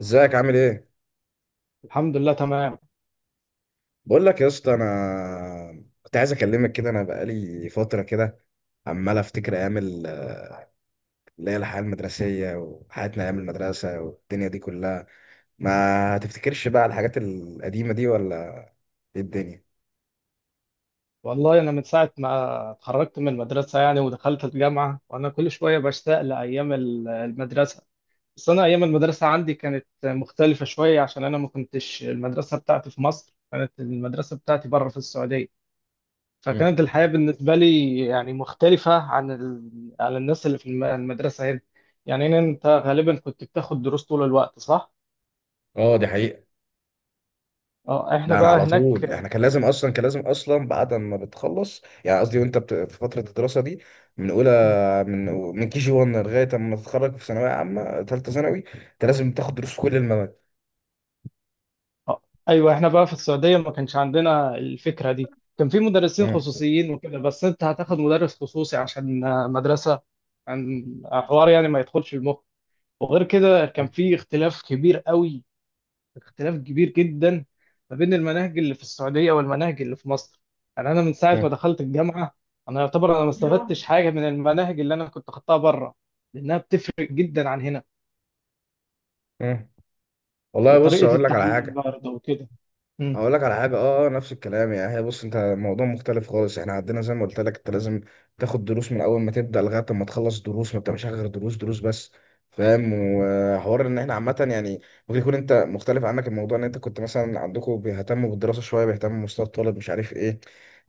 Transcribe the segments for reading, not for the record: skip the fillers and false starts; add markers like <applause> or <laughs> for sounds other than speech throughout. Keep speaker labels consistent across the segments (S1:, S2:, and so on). S1: ازيك عامل ايه؟
S2: الحمد لله، تمام.
S1: بقول لك يا اسطى انا كنت عايز اكلمك كده. انا بقالي فتره كده عمال افتكر ايام اللي هي الحياه المدرسيه وحياتنا ايام المدرسه والدنيا دي كلها. ما تفتكرش بقى الحاجات القديمه دي، ولا ايه الدنيا؟
S2: والله انا من ساعه ما اتخرجت من المدرسه يعني ودخلت الجامعه، وانا كل شويه بشتاق لايام المدرسه. بس انا ايام المدرسه عندي كانت مختلفه شويه، عشان انا ما كنتش المدرسه بتاعتي في مصر، كانت المدرسه بتاعتي بره في السعوديه.
S1: مم.
S2: فكانت الحياه بالنسبه لي يعني مختلفه عن الناس اللي في المدرسه هنا. يعني هنا انت غالبا كنت بتاخد دروس طول الوقت، صح.
S1: اه، دي حقيقة.
S2: اه، احنا
S1: لا، انا
S2: بقى
S1: على طول،
S2: هناك.
S1: احنا كان لازم اصلا، بعد ما بتخلص، يعني قصدي في فترة الدراسة دي، من اولى من من كي جي 1 لغاية اما تتخرج في ثانوية عامة ثالثة ثانوي، انت لازم تاخد دروس في كل المواد.
S2: آه، ايوه احنا بقى في السعوديه ما كانش عندنا الفكره دي. كان في مدرسين خصوصيين وكده، بس انت هتاخد مدرس خصوصي عشان مدرسه عن حوار يعني ما يدخلش المخ. وغير كده كان
S1: مم.
S2: في اختلاف كبير قوي، اختلاف كبير جدا ما بين المناهج اللي في السعوديه والمناهج اللي في مصر. يعني انا من ساعه ما
S1: مم.
S2: دخلت الجامعه، انا يعتبر انا ما استفدتش حاجه من المناهج اللي انا كنت خدتها بره، لانها بتفرق جدا عن هنا،
S1: مم. والله بص،
S2: وطريقه
S1: اقول لك على
S2: التعليم
S1: حاجه.
S2: برضه وكده. مم.
S1: اقول لك على حاجه. نفس الكلام يعني. هي بص انت، الموضوع مختلف خالص. احنا عندنا زي ما قلت لك، انت لازم تاخد دروس من اول ما تبدا لغايه ما تخلص دروس. ما بتعملش حاجه غير دروس، دروس بس، فاهم. وحوار ان احنا عامه يعني. ممكن يكون انت مختلف عنك، الموضوع ان انت كنت مثلا عندكم بيهتموا بالدراسه شويه، بيهتموا بمستوى الطالب، مش عارف ايه.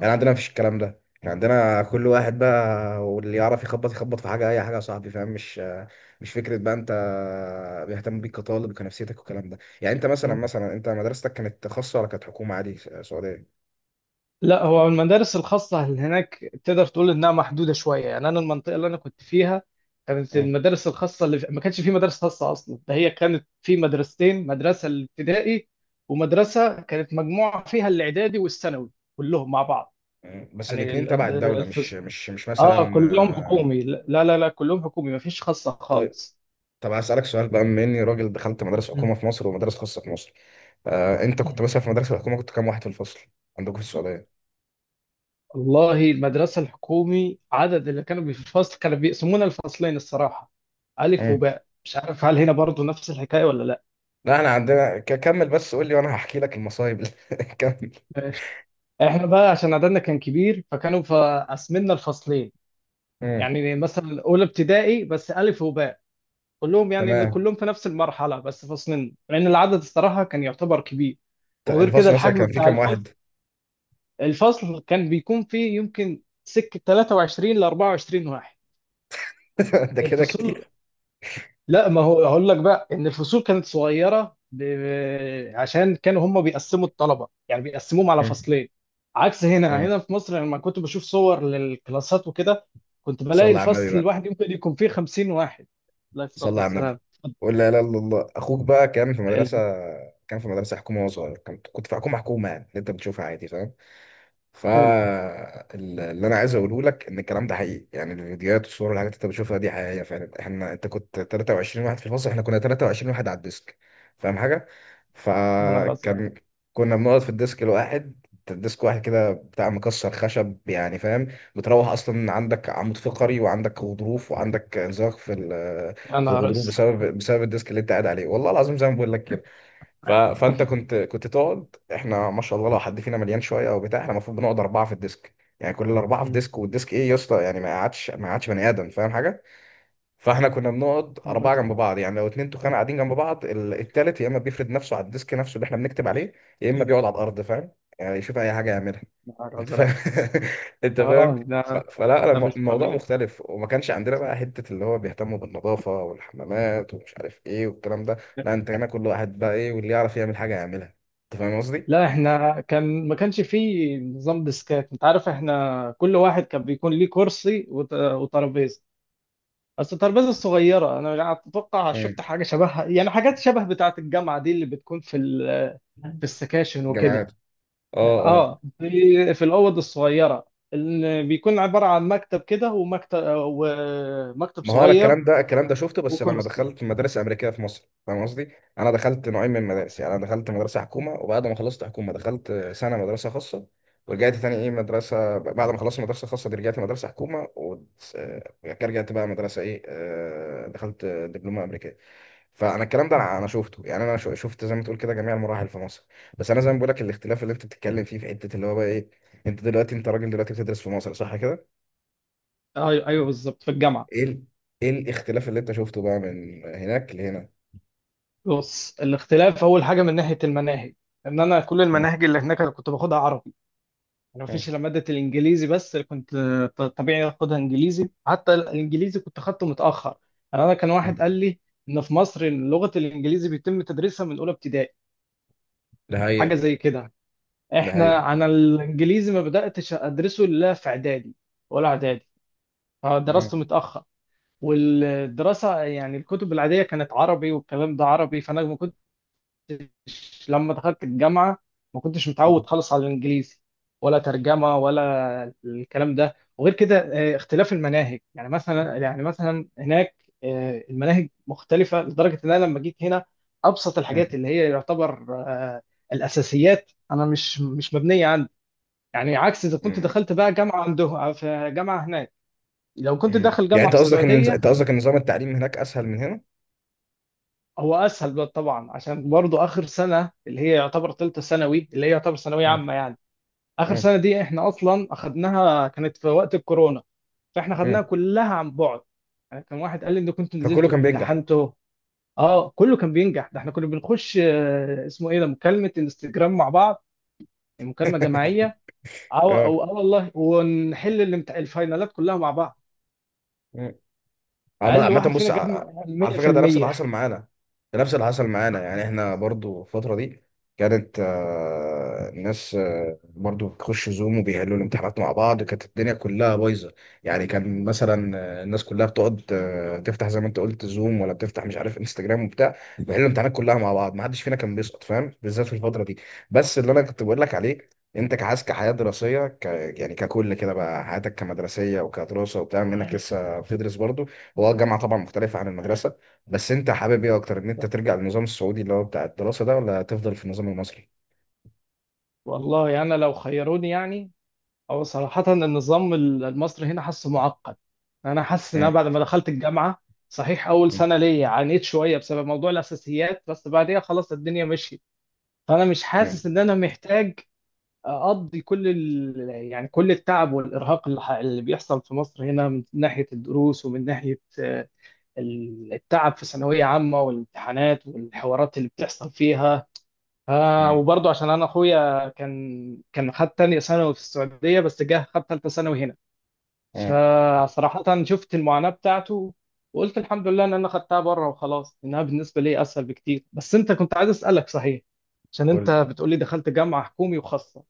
S1: يعني عندنا مفيش الكلام ده. يعني عندنا كل واحد بقى، واللي يعرف يخبط يخبط في حاجه، اي حاجه يا صاحبي، فاهم. مش مش فكره بقى انت بيهتم بيك كطالب وكنفسيتك والكلام ده. يعني انت مثلا، مثلا انت مدرستك كانت خاصه ولا كانت حكومه عادي سعوديه؟
S2: لا، هو المدارس الخاصة اللي هناك تقدر تقول إنها محدودة شوية. يعني أنا المنطقة اللي أنا كنت فيها كانت
S1: مم.
S2: المدارس الخاصة ما كانش في مدارس خاصة أصلا. ده هي كانت في مدرستين، مدرسة الابتدائي، ومدرسة كانت مجموعة فيها الإعدادي والثانوي كلهم مع بعض.
S1: مم. بس
S2: يعني
S1: الاثنين تبع الدوله،
S2: الفصل،
S1: مش مثلا...
S2: آه كلهم
S1: آه،
S2: حكومي، لا لا لا، كلهم حكومي، ما فيش خاصة
S1: طيب.
S2: خالص.
S1: طب هسألك سؤال بقى، بما اني راجل دخلت مدرسه حكومه
S2: مم.
S1: في مصر ومدارس خاصه في مصر. آه، انت كنت مثلا في مدرسه الحكومه كنت كام واحد في الفصل عندكم في السعوديه؟
S2: والله المدرسة الحكومي، عدد اللي كانوا في الفصل كانوا بيقسمونا الفصلين الصراحة، ألف
S1: مم.
S2: وباء. مش عارف هل هنا برضو نفس الحكاية ولا لأ.
S1: لا، احنا عندنا كمل بس قول لي وانا هحكي لك المصايب اللي- <laughs> كمل.
S2: ماشي. احنا بقى عشان عددنا كان كبير فكانوا قسمنا الفصلين.
S1: مم.
S2: يعني مثلا أولى ابتدائي بس ألف وباء، كلهم يعني إن
S1: تمام.
S2: كلهم في نفس المرحلة بس فصلين، لأن العدد الصراحة كان يعتبر كبير. وغير كده
S1: الفصل مثلا
S2: الحجم
S1: كان فيه
S2: بتاع
S1: كام واحد؟
S2: الفصل، الفصل كان بيكون فيه يمكن سكة 23 ل 24 واحد.
S1: <laughs> ده كده
S2: الفصول،
S1: كتير.
S2: لا ما هو هقول لك بقى ان الفصول كانت صغيره عشان كانوا هم بيقسموا الطلبه، يعني بيقسموهم على
S1: مم.
S2: فصلين، عكس هنا
S1: مم.
S2: هنا في مصر لما كنت بشوف صور للكلاسات وكده، كنت بلاقي
S1: صلى على النبي
S2: الفصل
S1: بقى.
S2: الواحد يمكن يكون فيه 50 واحد. لا، الصلاه
S1: صلى على
S2: والسلام.
S1: النبي. قول لا اله الا الله. اخوك بقى كان في مدرسه،
S2: حلو.
S1: كان في مدرسه حكومه وهو صغير. كنت في حكومه، حكومه يعني اللي انت بتشوفها عادي، فاهم.
S2: حلو.
S1: فاللي انا عايز اقوله لك ان الكلام ده حقيقي. يعني الفيديوهات والصور والحاجات اللي انت بتشوفها دي حقيقيه فعلا. احنا انت كنت 23 واحد في الفصل، احنا كنا 23 واحد على الديسك، فاهم حاجه.
S2: يا نهار ازرق.
S1: فكان، كنا بنقعد في الديسك الواحد. الديسك واحد كده بتاع مكسر خشب يعني، فاهم. بتروح اصلا عندك عمود فقري وعندك غضروف، وعندك انزلاق في
S2: يا
S1: في
S2: نهار
S1: الغضروف
S2: ازرق.
S1: بسبب الديسك اللي انت قاعد عليه. والله العظيم زي ما بقول لك كده. فانت كنت تقعد، احنا ما شاء الله لو حد فينا مليان شويه او بتاع، احنا المفروض بنقعد اربعه في الديسك، يعني كل الاربعه في
S2: مم.
S1: ديسك. والديسك ايه يا اسطى، يعني ما قعدش بني ادم، فاهم حاجه. فاحنا كنا بنقعد
S2: يا نهار
S1: اربعه جنب
S2: ازرق.
S1: بعض. يعني لو اتنين تخان قاعدين جنب بعض، التالت يا اما بيفرد نفسه على الديسك نفسه اللي احنا بنكتب عليه، يا اما بيقعد على الارض، فاهم. يعني يشوف اي حاجه يعملها.
S2: يا نهار
S1: انت
S2: ازرق.
S1: فاهم. <laughs> انت فاهم.
S2: اه، ده
S1: فلا
S2: ده
S1: انا
S2: مش
S1: الموضوع
S2: طبيعي.
S1: مختلف. وما كانش عندنا بقى حته اللي هو بيهتموا بالنظافه والحمامات ومش عارف ايه والكلام ده. لا، انت هنا كل واحد بقى ايه، واللي يعرف يعمل حاجه يعملها. انت فاهم قصدي.
S2: لا، احنا كان ما كانش فيه نظام ديسكات، انت عارف، احنا كل واحد كان بيكون ليه كرسي وترابيزه، بس الترابيزه الصغيره. انا يعني اتوقع شفت
S1: امم.
S2: حاجه شبهها، يعني حاجات شبه بتاعه الجامعه دي اللي بتكون في السكاشن وكده.
S1: جامعات. اه، اه.
S2: اه، في الاوض الصغيره اللي بيكون عباره عن مكتب كده، ومكتب ومكتب
S1: ما هو انا
S2: صغير
S1: الكلام ده، الكلام ده شفته بس لما
S2: وكرسي.
S1: دخلت مدارس امريكيه في مصر، فاهم قصدي. انا دخلت نوعين من المدارس. يعني انا دخلت مدرسه حكومه، وبعد ما خلصت حكومه دخلت سنه مدرسه خاصه، ورجعت تاني ايه مدرسه، بعد ما خلصت مدرسه خاصه دي رجعت مدرسه حكومه، ورجعت بقى مدرسه ايه، آه، دخلت دبلومه امريكيه. فانا الكلام ده أنا شفته. يعني انا شفت زي ما تقول كده جميع المراحل في مصر. بس انا زي ما بقول لك، الاختلاف اللي انت بتتكلم فيه في حته اللي هو بقى ايه، انت دلوقتي، انت راجل دلوقتي بتدرس في مصر صح كده.
S2: ايوه، ايوه، بالظبط، في الجامعه.
S1: ايه ال... ايه الاختلاف اللي انت شفته بقى من هناك لهنا؟
S2: بص، الاختلاف اول حاجه من ناحيه المناهج، ان انا كل
S1: مم.
S2: المناهج اللي هناك انا كنت باخدها عربي. انا مفيش
S1: مم.
S2: الا ماده الانجليزي بس اللي كنت طبيعي اخدها انجليزي. حتى الانجليزي كنت اخدته متاخر. يعني انا كان واحد
S1: مم.
S2: قال لي ان في مصر لغه الانجليزي بيتم تدريسها من اولى ابتدائي،
S1: ده حقيقة.
S2: حاجه زي كده.
S1: ده حقيقة.
S2: انا الانجليزي ما بداتش ادرسه الا في اعدادي، ولا اعدادي، فدرسته
S1: مم.
S2: متاخر. والدراسه يعني الكتب العاديه كانت عربي، والكلام ده عربي، فانا ما كنتش لما دخلت الجامعة ما كنتش
S1: مم.
S2: متعود خالص على الإنجليزي، ولا ترجمة ولا الكلام ده. وغير كده اختلاف المناهج، يعني مثلا، هناك، المناهج مختلفة لدرجة إن أنا لما جيت هنا، أبسط الحاجات
S1: مم.
S2: اللي هي يعتبر الأساسيات، أنا مش مبنية عندي. يعني عكس إذا كنت
S1: مم.
S2: دخلت بقى جامعة عنده، في جامعة هناك، لو كنت
S1: مم.
S2: داخل
S1: يعني
S2: جامعة
S1: انت
S2: في
S1: قصدك ان،
S2: السعودية.
S1: نظام التعليم هناك اسهل من هنا.
S2: هو اسهل بقى طبعا، عشان برضو اخر سنه اللي هي يعتبر ثالثه ثانوي، اللي هي يعتبر ثانويه
S1: مم.
S2: عامه يعني، اخر
S1: مم.
S2: سنه دي احنا اصلا اخدناها كانت في وقت الكورونا، فاحنا خدناها
S1: مم.
S2: كلها عن بعد. يعني كان واحد قال لي ان كنت نزلت
S1: فكله كان بينجح.
S2: وامتحنته. اه، كله كان بينجح. ده احنا كنا بنخش اسمه ايه ده، مكالمه انستجرام مع بعض، يعني مكالمه جماعيه. اه، او اه والله، ونحل الفاينالات كلها مع بعض.
S1: اه.
S2: اقل
S1: عامة
S2: واحد
S1: بص
S2: فينا جاب
S1: على فكرة ده نفس اللي
S2: 100%.
S1: حصل معانا. ده نفس اللي حصل معانا. يعني احنا برضو الفترة دي كانت، آه، الناس، آه، برضو بتخش زوم وبيحلوا الامتحانات مع بعض. كانت الدنيا كلها بايظة. يعني كان مثلا، آه، الناس كلها بتقعد، آه، تفتح زي ما انت قلت زوم، ولا بتفتح مش عارف انستجرام وبتاع، بيحلوا الامتحانات كلها مع بعض. ما حدش فينا كان بيسقط، فاهم، بالذات في الفترة دي. بس اللي انا كنت بقول لك عليه، انت كعايز يعني ككل كده بقى، حياتك كمدرسية وكدراسة وبتاع، منك لسه بتدرس برضو. هو الجامعة طبعا مختلفة عن المدرسة. بس انت حابب ايه اكتر، ان انت
S2: بالظبط.
S1: ترجع للنظام السعودي اللي هو بتاع الدراسة ده، ولا تفضل في النظام المصري؟
S2: <laughs> والله انا لو خيروني، يعني هو صراحة النظام المصري هنا حاسه معقد. أنا حاسس إن أنا
S1: مم.
S2: بعد ما دخلت الجامعة، صحيح أول
S1: مم.
S2: سنة ليا عانيت شوية بسبب موضوع الأساسيات، بس بعديها خلاص الدنيا مشيت. فأنا مش
S1: مم.
S2: حاسس إن أنا محتاج أقضي يعني كل التعب والإرهاق اللي بيحصل في مصر هنا، من ناحية الدروس ومن ناحية التعب في ثانوية عامة والامتحانات والحوارات اللي بتحصل فيها.
S1: مم.
S2: وبرضه عشان أنا أخويا كان خد تانية ثانوي في السعودية، بس جه خد تالتة ثانوي هنا،
S1: مم.
S2: فصراحة شفت المعاناة بتاعته، وقلت الحمد لله ان انا خدتها بره، وخلاص، انها بالنسبة لي اسهل بكتير. بس انت كنت عايز اسألك، صحيح عشان انت
S1: قول.
S2: بتقولي دخلت جامعة حكومي وخاصة،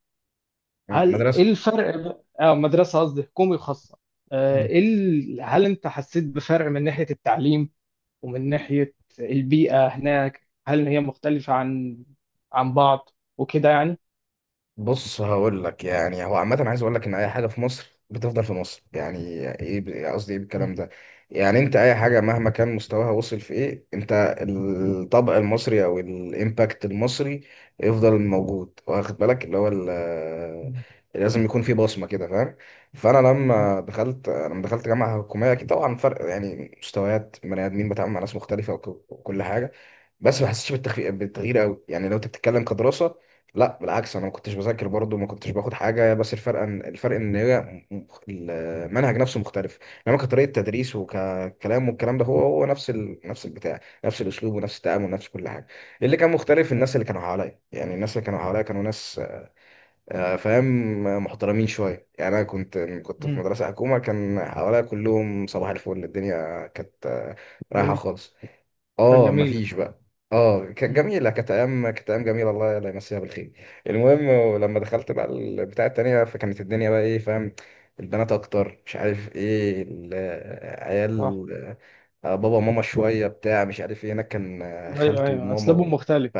S1: مم.
S2: هل ايه
S1: مدرسة.
S2: الفرق بقى- اه مدرسة، قصدي حكومي وخاصة، ايه هل انت حسيت بفرق من ناحية التعليم ومن ناحية البيئة هناك؟ هل هي مختلفة عن بعض وكده يعني؟
S1: بص هقول لك يعني. هو عامة عايز اقول لك ان اي حاجة في مصر بتفضل في مصر يعني. ايه قصدي ايه
S2: مم.
S1: بالكلام ده. يعني انت اي
S2: مم.
S1: حاجة مهما كان مستواها، وصل في ايه، انت الطبع المصري او الامباكت المصري يفضل موجود، واخد بالك، اللي هو
S2: مم.
S1: لازم يكون في بصمة كده، فاهم. فانا
S2: أي-
S1: لما دخلت انا لما دخلت جامعة حكومية، اكيد طبعا فرق يعني، مستويات بني ادمين، بتعامل مع ناس مختلفة وكل حاجة. بس ما حسيتش بالتخفيف بالتغيير قوي، يعني لو انت بتتكلم كدراسه. لا بالعكس، انا ما كنتش بذاكر برضه، ما كنتش باخد حاجه. بس الفرق ان، هي المنهج نفسه مختلف. انما كطريقه تدريس وككلام والكلام ده، هو هو نفس البتاع، نفس الاسلوب ونفس التعامل، نفس كل حاجه. اللي كان مختلف
S2: أي.
S1: الناس اللي كانوا حواليا. يعني الناس اللي كانوا حواليا كانوا ناس، آه، فاهم، آه، محترمين شويه. يعني انا كنت في
S2: مم.
S1: مدرسه حكومه كان حواليا كلهم صباح الفل، الدنيا كانت، آه، رايحه
S2: الدنيا
S1: خالص.
S2: كانت
S1: اه،
S2: جميلة.
S1: مفيش بقى. اه، كانت
S2: مم.
S1: جميله. كانت ايام، كانت ايام جميله. الله، الله يمسيها بالخير. المهم، ولما دخلت بقى البتاع التانية، فكانت الدنيا بقى ايه، فاهم، البنات اكتر مش عارف ايه
S2: صح.
S1: عيال، آه، بابا وماما شويه بتاع مش عارف ايه. هناك كان، آه،
S2: ايوه،
S1: خالته
S2: ايوه، اسلوبهم
S1: وماما.
S2: مختلف.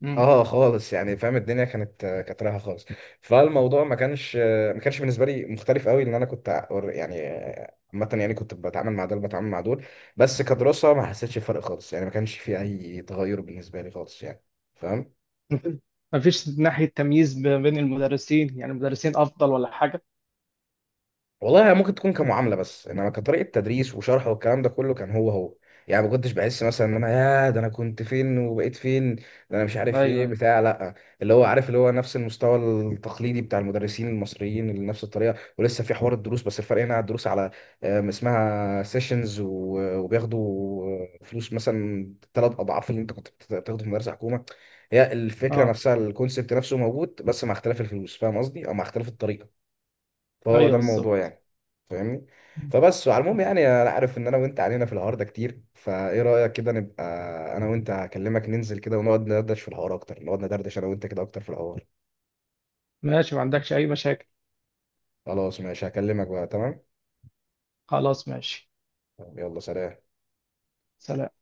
S2: مم.
S1: اه خالص يعني فاهم، الدنيا كانت، كانت رايحه خالص. فالموضوع ما كانش، بالنسبه لي مختلف قوي، لان انا كنت يعني عامه يعني، كنت بتعامل مع دول، بتعامل مع دول. بس كدراسه ما حسيتش بفرق خالص، يعني ما كانش في اي تغير بالنسبه لي خالص يعني، فاهم.
S2: <laughs> مفيش ناحية تمييز ما بين المدرسين؟ يعني المدرسين افضل ولا حاجة.
S1: والله هي ممكن تكون كمعامله، بس انما كطريقه تدريس وشرح والكلام ده كله كان هو هو. يعني ما كنتش بحس مثلا ان انا، يا ده انا كنت فين وبقيت فين ده، انا مش
S2: ايوه،
S1: عارف ايه
S2: ايوه.
S1: بتاع، لا. اللي هو عارف اللي هو نفس المستوى التقليدي بتاع المدرسين المصريين، اللي نفس الطريقه، ولسه في حوار الدروس. بس الفرق هنا الدروس على، آم، اسمها سيشنز، وبياخدوا فلوس مثلا 3 اضعاف اللي انت كنت بتاخده في مدرسه حكومه. هي الفكره
S2: اه،
S1: نفسها، الكونسيبت نفسه موجود، بس مع اختلاف الفلوس، فاهم قصدي، او مع اختلاف الطريقه. فهو
S2: ايوه،
S1: ده الموضوع
S2: بالظبط.
S1: يعني. فاهمني. فبس، وعلى المهم يعني، انا عارف ان انا وانت علينا في الحوار ده كتير، فايه رايك كده نبقى انا وانت هكلمك ننزل كده، ونقعد ندردش في الحوار اكتر، نقعد ندردش انا وانت كده اكتر في الحوار.
S2: ماشي، ما عندكش اي مشاكل.
S1: خلاص ماشي، هكلمك بقى تمام.
S2: خلاص، ماشي.
S1: يلا سلام.
S2: سلام.